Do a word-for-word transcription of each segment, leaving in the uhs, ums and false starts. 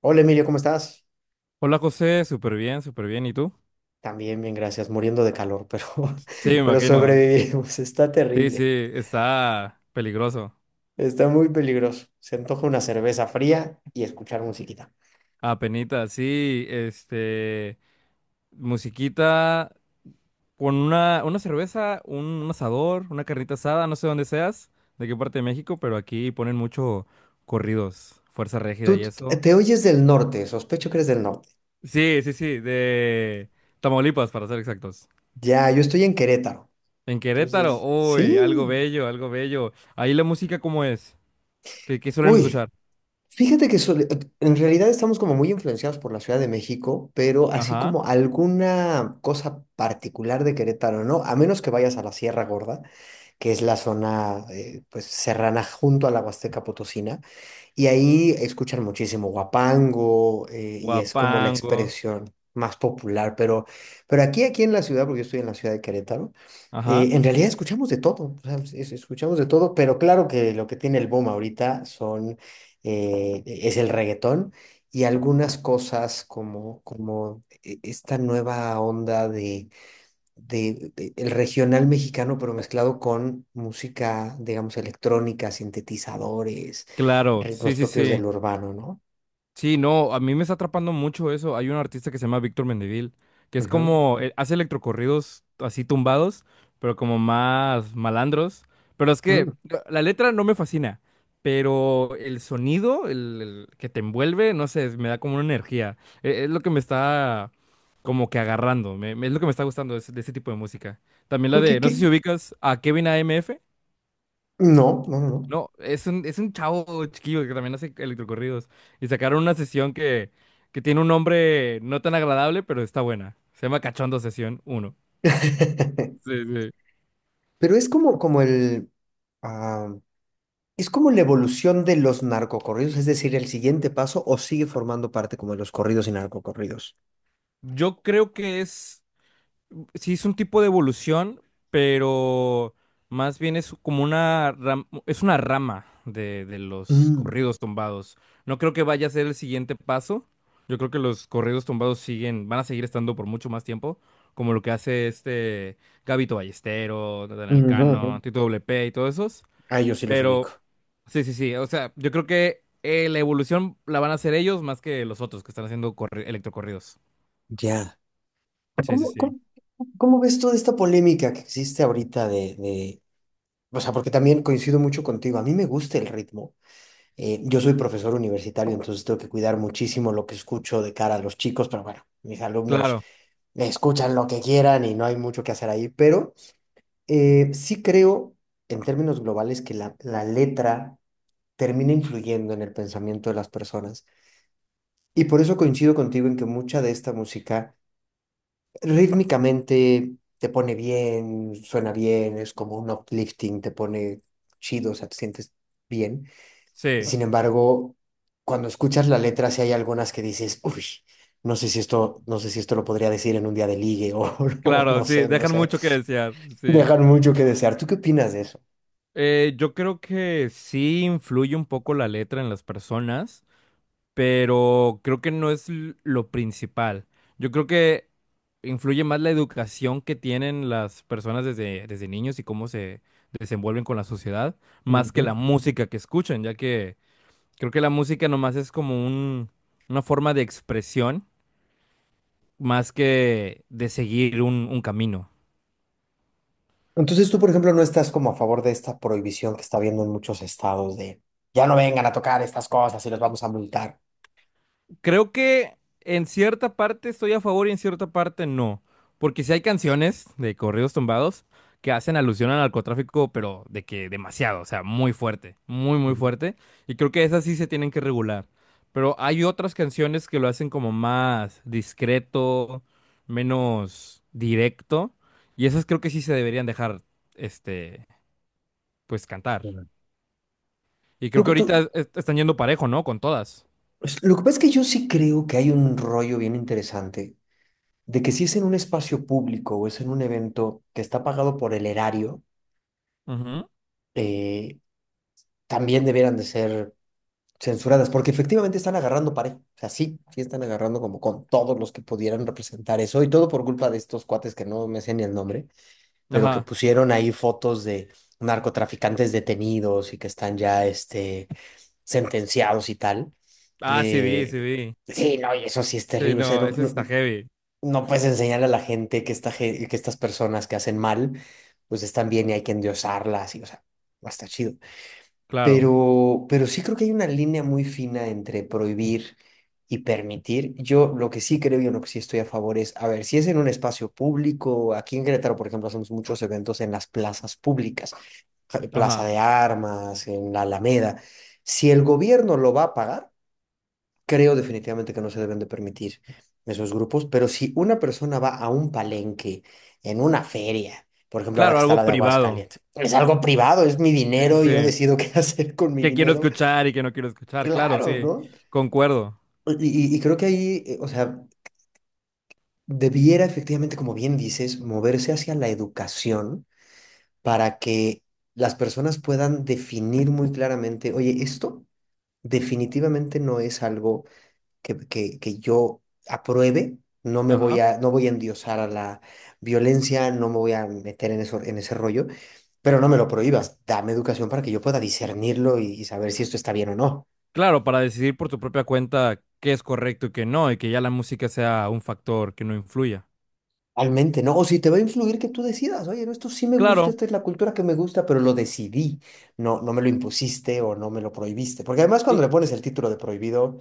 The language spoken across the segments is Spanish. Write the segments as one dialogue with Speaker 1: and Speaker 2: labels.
Speaker 1: Hola Emilio, ¿cómo estás?
Speaker 2: Hola José, súper bien, súper bien. ¿Y tú?
Speaker 1: También bien, gracias, muriendo de calor, pero,
Speaker 2: Sí, me
Speaker 1: pero
Speaker 2: imagino.
Speaker 1: sobrevivimos. Está
Speaker 2: Sí, sí,
Speaker 1: terrible,
Speaker 2: está peligroso.
Speaker 1: está muy peligroso. Se antoja una cerveza fría y escuchar musiquita.
Speaker 2: Apenita, sí, este, musiquita con una, una cerveza, un, un asador, una carnita asada, no sé dónde seas, de qué parte de México, pero aquí ponen mucho corridos, Fuerza Régida
Speaker 1: Tú
Speaker 2: y
Speaker 1: t-
Speaker 2: eso.
Speaker 1: te oyes del norte, sospecho que eres del norte.
Speaker 2: Sí, sí, sí, de Tamaulipas, para ser exactos.
Speaker 1: Ya, yo estoy en Querétaro.
Speaker 2: En Querétaro,
Speaker 1: Entonces,
Speaker 2: uy, algo
Speaker 1: sí.
Speaker 2: bello, algo bello. Ahí la música, ¿cómo es? ¿Qué, qué suelen
Speaker 1: Uy,
Speaker 2: escuchar?
Speaker 1: fíjate que sole- en realidad estamos como muy influenciados por la Ciudad de México, pero así
Speaker 2: Ajá.
Speaker 1: como alguna cosa particular de Querétaro, ¿no? A menos que vayas a la Sierra Gorda, que es la zona eh, pues serrana junto a la Huasteca Potosina, y ahí escuchan muchísimo huapango eh, y es como la
Speaker 2: Guapango.
Speaker 1: expresión más popular, pero, pero aquí, aquí en la ciudad, porque yo estoy en la ciudad de Querétaro,
Speaker 2: Ajá.
Speaker 1: eh, en realidad escuchamos de todo, o sea, es- escuchamos de todo, pero claro que lo que tiene el boom ahorita son, eh, es el reggaetón y algunas cosas como, como e- esta nueva onda de, de- el regional mexicano, pero mezclado con música, digamos, electrónica, sintetizadores,
Speaker 2: Claro, sí,
Speaker 1: ritmos
Speaker 2: sí,
Speaker 1: propios
Speaker 2: sí.
Speaker 1: del urbano, ¿no?
Speaker 2: Sí, no, a mí me está atrapando mucho eso. Hay un artista que se llama Víctor Mendivil, que es
Speaker 1: Ujú.
Speaker 2: como, eh, hace electrocorridos así tumbados, pero como más malandros. Pero es que
Speaker 1: Mm.
Speaker 2: la la letra no me fascina, pero el sonido, el, el que te envuelve, no sé, me da como una energía. E- Es, lo que me está como que agarrando, me- me- es lo que me está gustando de ese, de ese tipo de música. También la
Speaker 1: ¿Porque
Speaker 2: de, no sé
Speaker 1: qué?
Speaker 2: si ubicas a Kevin A M F.
Speaker 1: No, no, no. No.
Speaker 2: No, es un, es un chavo chiquillo que también hace electrocorridos. Y sacaron una sesión que, que tiene un nombre no tan agradable, pero está buena. Se llama Cachondo Sesión uno. Sí, sí.
Speaker 1: Pero es como, como el, ah, es como la evolución de los narcocorridos, es decir, el siguiente paso, o sigue formando parte como de los corridos y narcocorridos.
Speaker 2: Yo creo que es. Sí es un tipo de evolución, pero más bien es como una ram- es una rama de, de los
Speaker 1: Mm.
Speaker 2: corridos tumbados. No creo que vaya a ser el siguiente paso. Yo creo que los corridos tumbados siguen, van a seguir estando por mucho más tiempo, como lo que hace este Gabito Ballesteros, Natanael
Speaker 1: Ujú, ujú.
Speaker 2: Cano, Tito W P y todos esos.
Speaker 1: Ah, yo sí los
Speaker 2: Pero
Speaker 1: ubico.
Speaker 2: sí, sí, sí. O sea, yo creo que eh, la evolución la van a hacer ellos más que los otros que están haciendo corri- electrocorridos.
Speaker 1: Ya.
Speaker 2: Sí, sí,
Speaker 1: ¿Cómo,
Speaker 2: sí.
Speaker 1: cómo, cómo ves toda esta polémica que existe ahorita de, O sea, porque también coincido mucho contigo. A mí me gusta el ritmo. Eh, yo soy profesor universitario, entonces tengo que cuidar muchísimo lo que escucho de cara a los chicos, pero bueno, mis alumnos
Speaker 2: Claro,
Speaker 1: escuchan lo que quieran y no hay mucho que hacer ahí. Pero eh, sí creo, en términos globales, que la, la letra termina influyendo en el pensamiento de las personas. Y por eso coincido contigo en que mucha de esta música rítmicamente te pone bien, suena bien, es como un uplifting, te pone chido, o sea, te sientes bien.
Speaker 2: sí.
Speaker 1: Sin embargo, cuando escuchas la letra, sí hay algunas que dices, uy, no sé si esto, no sé si esto lo podría decir en un día de ligue o, o
Speaker 2: Claro,
Speaker 1: no
Speaker 2: sí,
Speaker 1: sé, no
Speaker 2: dejan
Speaker 1: sé.
Speaker 2: mucho que desear, sí.
Speaker 1: Dejan mucho que desear. ¿Tú qué opinas de eso?
Speaker 2: Eh, yo creo que sí influye un poco la letra en las personas, pero creo que no es l- lo principal. Yo creo que influye más la educación que tienen las personas desde, desde niños y cómo se desenvuelven con la sociedad, más que
Speaker 1: Ujú.
Speaker 2: la música que escuchan, ya que creo que la música nomás es como un, una forma de expresión, más que de seguir un un camino.
Speaker 1: Entonces tú, por ejemplo, no estás como a favor de esta prohibición que está habiendo en muchos estados de ya no vengan a tocar estas cosas y los vamos a multar.
Speaker 2: Creo que en cierta parte estoy a favor y en cierta parte no. Porque si hay canciones de corridos tumbados que hacen alusión al narcotráfico, pero de que demasiado, o sea, muy fuerte, muy, muy
Speaker 1: Ujú,
Speaker 2: fuerte. Y creo que esas sí se tienen que regular. Pero hay otras canciones que lo hacen como más discreto, menos directo. Y esas creo que sí se deberían dejar, este, pues cantar.
Speaker 1: ujú.
Speaker 2: Y creo
Speaker 1: Lo
Speaker 2: que
Speaker 1: que,
Speaker 2: ahorita
Speaker 1: tú-
Speaker 2: est- están yendo parejo, ¿no? Con todas.
Speaker 1: es- lo que pasa es que yo sí creo que hay un rollo bien interesante de que si es en un espacio público o es en un evento que está pagado por el erario,
Speaker 2: Ujú.
Speaker 1: eh, también debieran de ser censuradas, porque efectivamente están agarrando parejo. O sea, sí, sí están agarrando como con todos los que pudieran representar eso y todo por culpa de estos cuates que no me sé ni el nombre, pero que
Speaker 2: Ajá.
Speaker 1: pusieron ahí fotos de narcotraficantes detenidos y que están ya este, sentenciados y tal.
Speaker 2: Ah, sí vi, sí
Speaker 1: Eh,
Speaker 2: vi.
Speaker 1: sí, no, y eso sí es
Speaker 2: Sí,
Speaker 1: terrible. O sea,
Speaker 2: no,
Speaker 1: no,
Speaker 2: eso
Speaker 1: no,
Speaker 2: está heavy,
Speaker 1: no puedes enseñar a la gente que, esta, ge- que estas personas que hacen mal, pues están bien y hay que endiosarlas. Y, o sea, no está chido.
Speaker 2: claro.
Speaker 1: Pero, pero sí creo que hay una línea muy fina entre prohibir y permitir. Yo lo que sí creo y en lo que sí estoy a favor es, a ver, si es en un espacio público, aquí en Querétaro, por ejemplo, hacemos muchos eventos en las plazas públicas, eh, Plaza
Speaker 2: Ajá.
Speaker 1: de Armas, en la Alameda. Si el gobierno lo va a pagar, creo definitivamente que no se deben de permitir esos grupos, pero si una persona va a un palenque, en una feria, por ejemplo, ahora
Speaker 2: Claro,
Speaker 1: que está
Speaker 2: algo
Speaker 1: la de
Speaker 2: privado.
Speaker 1: Aguascalientes. Es algo privado, es mi
Speaker 2: Sí, sí,
Speaker 1: dinero, y yo
Speaker 2: sí.
Speaker 1: decido qué hacer con mi
Speaker 2: Que quiero
Speaker 1: dinero
Speaker 2: escuchar y que no quiero escuchar, claro,
Speaker 1: Claro,
Speaker 2: sí.
Speaker 1: ¿no?
Speaker 2: Concuerdo.
Speaker 1: Y, y- y creo que ahí, eh, o sea, debiera efectivamente, como bien dices, moverse hacia la educación para que las personas puedan definir muy claramente, oye, esto definitivamente no es algo que, que, que yo apruebe, no me voy
Speaker 2: Ajá.
Speaker 1: a, no voy a endiosar a la violencia, no me voy a meter en eso, en ese rollo, pero no me lo prohíbas, dame educación para que yo pueda discernirlo y y saber si esto está bien o no.
Speaker 2: Claro, para decidir por tu propia cuenta qué es correcto y qué no, y que ya la música sea un factor que no influya.
Speaker 1: Realmente, ¿no? O si te va a influir que tú decidas, oye, no, esto sí me gusta,
Speaker 2: Claro,
Speaker 1: esta es la cultura que me gusta, pero lo decidí, no, no me lo impusiste o no me lo prohibiste. Porque además
Speaker 2: y
Speaker 1: cuando le pones el título de prohibido,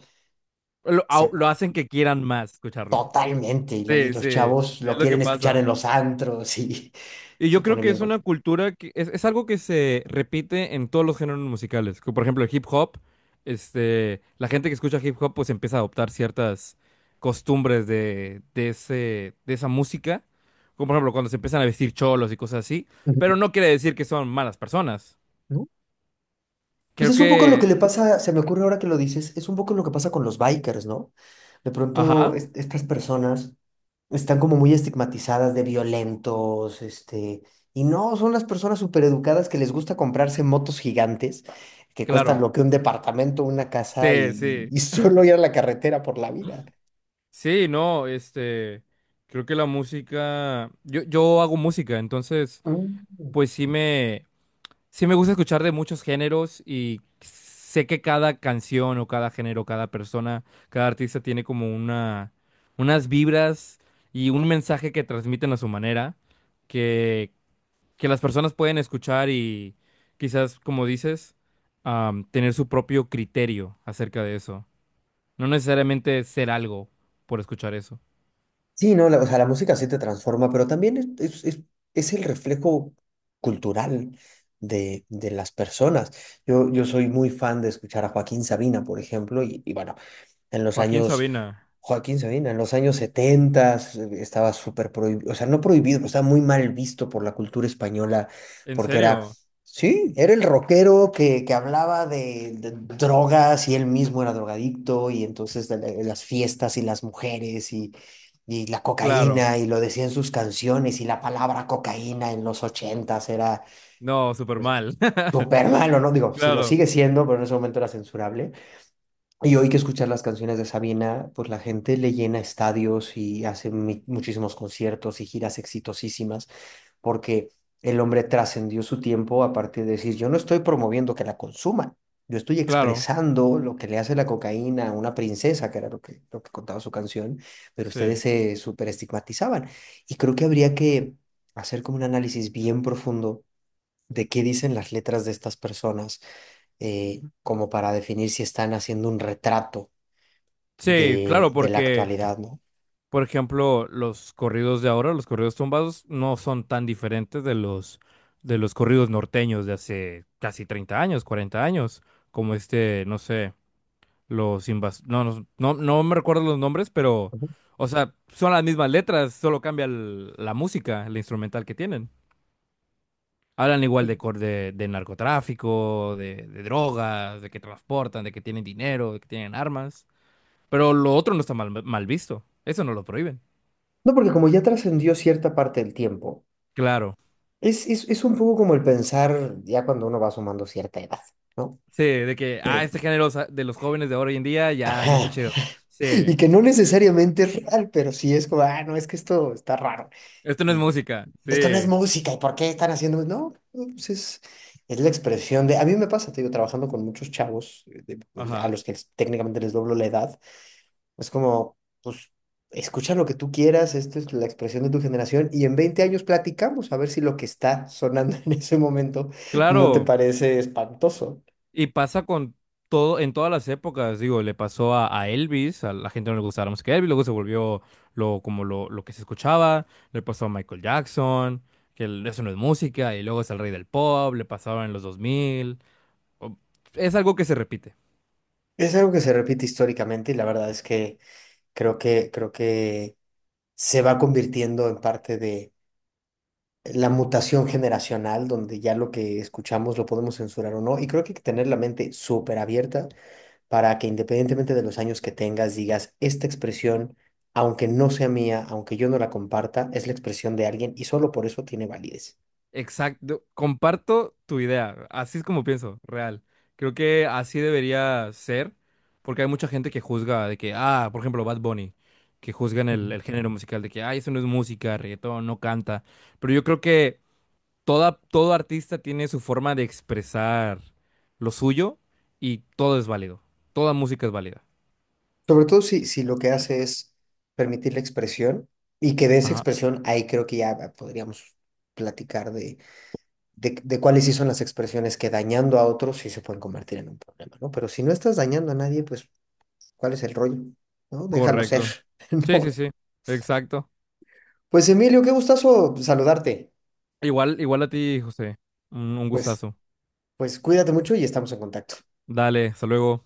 Speaker 2: lo, au-
Speaker 1: se
Speaker 2: lo hacen que quieran más escucharlo.
Speaker 1: totalmente, y, lo- y
Speaker 2: Sí,
Speaker 1: los
Speaker 2: sí,
Speaker 1: chavos lo
Speaker 2: es lo que
Speaker 1: quieren escuchar en
Speaker 2: pasa.
Speaker 1: los antros y
Speaker 2: Y
Speaker 1: se
Speaker 2: yo creo
Speaker 1: pone
Speaker 2: que
Speaker 1: bien
Speaker 2: es una
Speaker 1: complicado.
Speaker 2: cultura que es, es algo que se repite en todos los géneros musicales, como por ejemplo, el hip hop, este, la gente que escucha hip hop pues empieza a adoptar ciertas costumbres de, de ese, de esa música. Como por ejemplo cuando se empiezan a vestir cholos y cosas así.
Speaker 1: Ujú.
Speaker 2: Pero no quiere decir que son malas personas.
Speaker 1: ¿No? Pues
Speaker 2: Creo
Speaker 1: es un poco lo que
Speaker 2: que,
Speaker 1: le pasa, se me ocurre ahora que lo dices, es un poco lo que pasa con los bikers, ¿no? De pronto
Speaker 2: ajá,
Speaker 1: es- estas personas están como muy estigmatizadas de violentos, este, y no, son las personas súper educadas que les gusta comprarse motos gigantes que
Speaker 2: claro.
Speaker 1: cuestan lo que un departamento, una casa,
Speaker 2: Sí,
Speaker 1: y,
Speaker 2: sí.
Speaker 1: y solo ir a la carretera por la vida.
Speaker 2: Sí, no, este, creo que la música, yo, yo hago música, entonces
Speaker 1: Mm.
Speaker 2: pues sí me, sí, me gusta escuchar de muchos géneros y sé que cada canción o cada género, cada persona, cada artista tiene como una, unas vibras y un mensaje que transmiten a su manera, que, que las personas pueden escuchar y quizás, como dices, am, tener su propio criterio acerca de eso. No necesariamente ser algo por escuchar eso.
Speaker 1: Sí, no, la- o sea, la música sí te transforma, pero también es, es- es- es el reflejo cultural de, de las personas. Yo, yo soy muy fan de escuchar a Joaquín Sabina, por ejemplo, y, y bueno, en los
Speaker 2: Joaquín
Speaker 1: años
Speaker 2: Sabina,
Speaker 1: Joaquín Sabina, en los años setenta estaba súper prohibido, o sea, no prohibido, pero estaba muy mal visto por la cultura española,
Speaker 2: ¿en
Speaker 1: porque era,
Speaker 2: serio?
Speaker 1: sí, era el rockero que, que hablaba de, de drogas y él mismo era drogadicto, y entonces de la- de las fiestas y las mujeres, y, y la
Speaker 2: Claro,
Speaker 1: cocaína, y lo decía en sus canciones, y la palabra cocaína en los ochentas era,
Speaker 2: no, súper
Speaker 1: pues,
Speaker 2: mal.
Speaker 1: súper malo, ¿no? Digo, si lo
Speaker 2: Claro,
Speaker 1: sigue siendo, pero en ese momento era censurable. Y hoy que escuchar las canciones de Sabina, pues la gente le llena estadios y hace mi- muchísimos conciertos y giras exitosísimas, porque el hombre trascendió su tiempo a partir de decir, yo no estoy promoviendo que la consuman, yo estoy
Speaker 2: claro,
Speaker 1: expresando lo que le hace la cocaína a una princesa, que era lo que, lo que contaba su canción, pero ustedes
Speaker 2: sí.
Speaker 1: se súper estigmatizaban. Y creo que habría que hacer como un análisis bien profundo de qué dicen las letras de estas personas, eh, como para definir si están haciendo un retrato
Speaker 2: Sí,
Speaker 1: de,
Speaker 2: claro,
Speaker 1: de la
Speaker 2: porque,
Speaker 1: actualidad, ¿no?
Speaker 2: por ejemplo, los corridos de ahora, los corridos tumbados, no son tan diferentes de los, de los corridos norteños de hace casi treinta años, cuarenta años, como este, no sé, los invas... no, no, no, no me recuerdo los nombres, pero,
Speaker 1: Ujú.
Speaker 2: o sea, son las mismas letras, solo cambia el- la música, la instrumental que tienen. Hablan igual
Speaker 1: Y-
Speaker 2: de, cor- de, de narcotráfico, de, de drogas, de que transportan, de que tienen dinero, de que tienen armas. Pero lo otro no está mal, mal visto. Eso no lo prohíben.
Speaker 1: No, porque como ya trascendió cierta parte del tiempo,
Speaker 2: Claro,
Speaker 1: es, es, es un poco como el pensar ya cuando uno va sumando cierta edad, ¿no?
Speaker 2: sí, de que, ah,
Speaker 1: De,
Speaker 2: este género sa- de los jóvenes de ahora hoy en día ya no está
Speaker 1: ajá,
Speaker 2: chido. Sí,
Speaker 1: y que no necesariamente es real, pero sí es como, ah, no, es que esto está raro.
Speaker 2: esto no es
Speaker 1: Y
Speaker 2: música.
Speaker 1: esto no es
Speaker 2: Sí,
Speaker 1: música, ¿y por qué están haciendo? No, pues es, es la expresión de, a mí me pasa, te digo, trabajando con muchos chavos eh, de- pues, a
Speaker 2: ajá.
Speaker 1: los que les- técnicamente les doblo la edad. Es como, pues, escucha lo que tú quieras, esto es la expresión de tu generación y en veinte años platicamos a ver si lo que está sonando en ese momento no te
Speaker 2: Claro,
Speaker 1: parece espantoso.
Speaker 2: y pasa con todo, en todas las épocas, digo, le pasó a, a Elvis, a la gente no le gustaba la música de Elvis, luego se volvió lo, como lo, lo que se escuchaba, le pasó a Michael Jackson, que el- eso no es música, y luego es el rey del pop, le pasaba en los dos mil. o- Es algo que se repite.
Speaker 1: Es algo que se repite históricamente y la verdad es que creo que, creo que se va convirtiendo en parte de la mutación generacional, donde ya lo que escuchamos lo podemos censurar o no. Y creo que hay que tener la mente súper abierta para que independientemente de los años que tengas, digas, esta expresión, aunque no sea mía, aunque yo no la comparta, es la expresión de alguien y solo por eso tiene validez.
Speaker 2: Exacto, comparto tu idea, así es como pienso, real. Creo que así debería ser, porque hay mucha gente que juzga de que, ah, por ejemplo, Bad Bunny, que juzgan
Speaker 1: Ujú.
Speaker 2: el, el género musical de que, ay, eso no es música, reggaetón, no canta. Pero yo creo que toda, todo artista tiene su forma de expresar lo suyo y todo es válido, toda música es válida.
Speaker 1: Sobre todo si, si lo que hace es permitir la expresión y que de esa
Speaker 2: Ajá,
Speaker 1: expresión, ahí creo que ya podríamos platicar de, de, de cuáles sí son las expresiones que dañando a otros sí se pueden convertir en un problema, ¿no? Pero si no estás dañando a nadie, pues, ¿cuál es el rollo? ¿No? Déjalo ser,
Speaker 2: correcto. Sí, sí,
Speaker 1: ¿no?
Speaker 2: sí, exacto.
Speaker 1: Pues Emilio, qué gustazo saludarte.
Speaker 2: Igual, igual a ti, José, un un
Speaker 1: Pues
Speaker 2: gustazo.
Speaker 1: Pues cuídate mucho y estamos en contacto.
Speaker 2: Dale, hasta luego.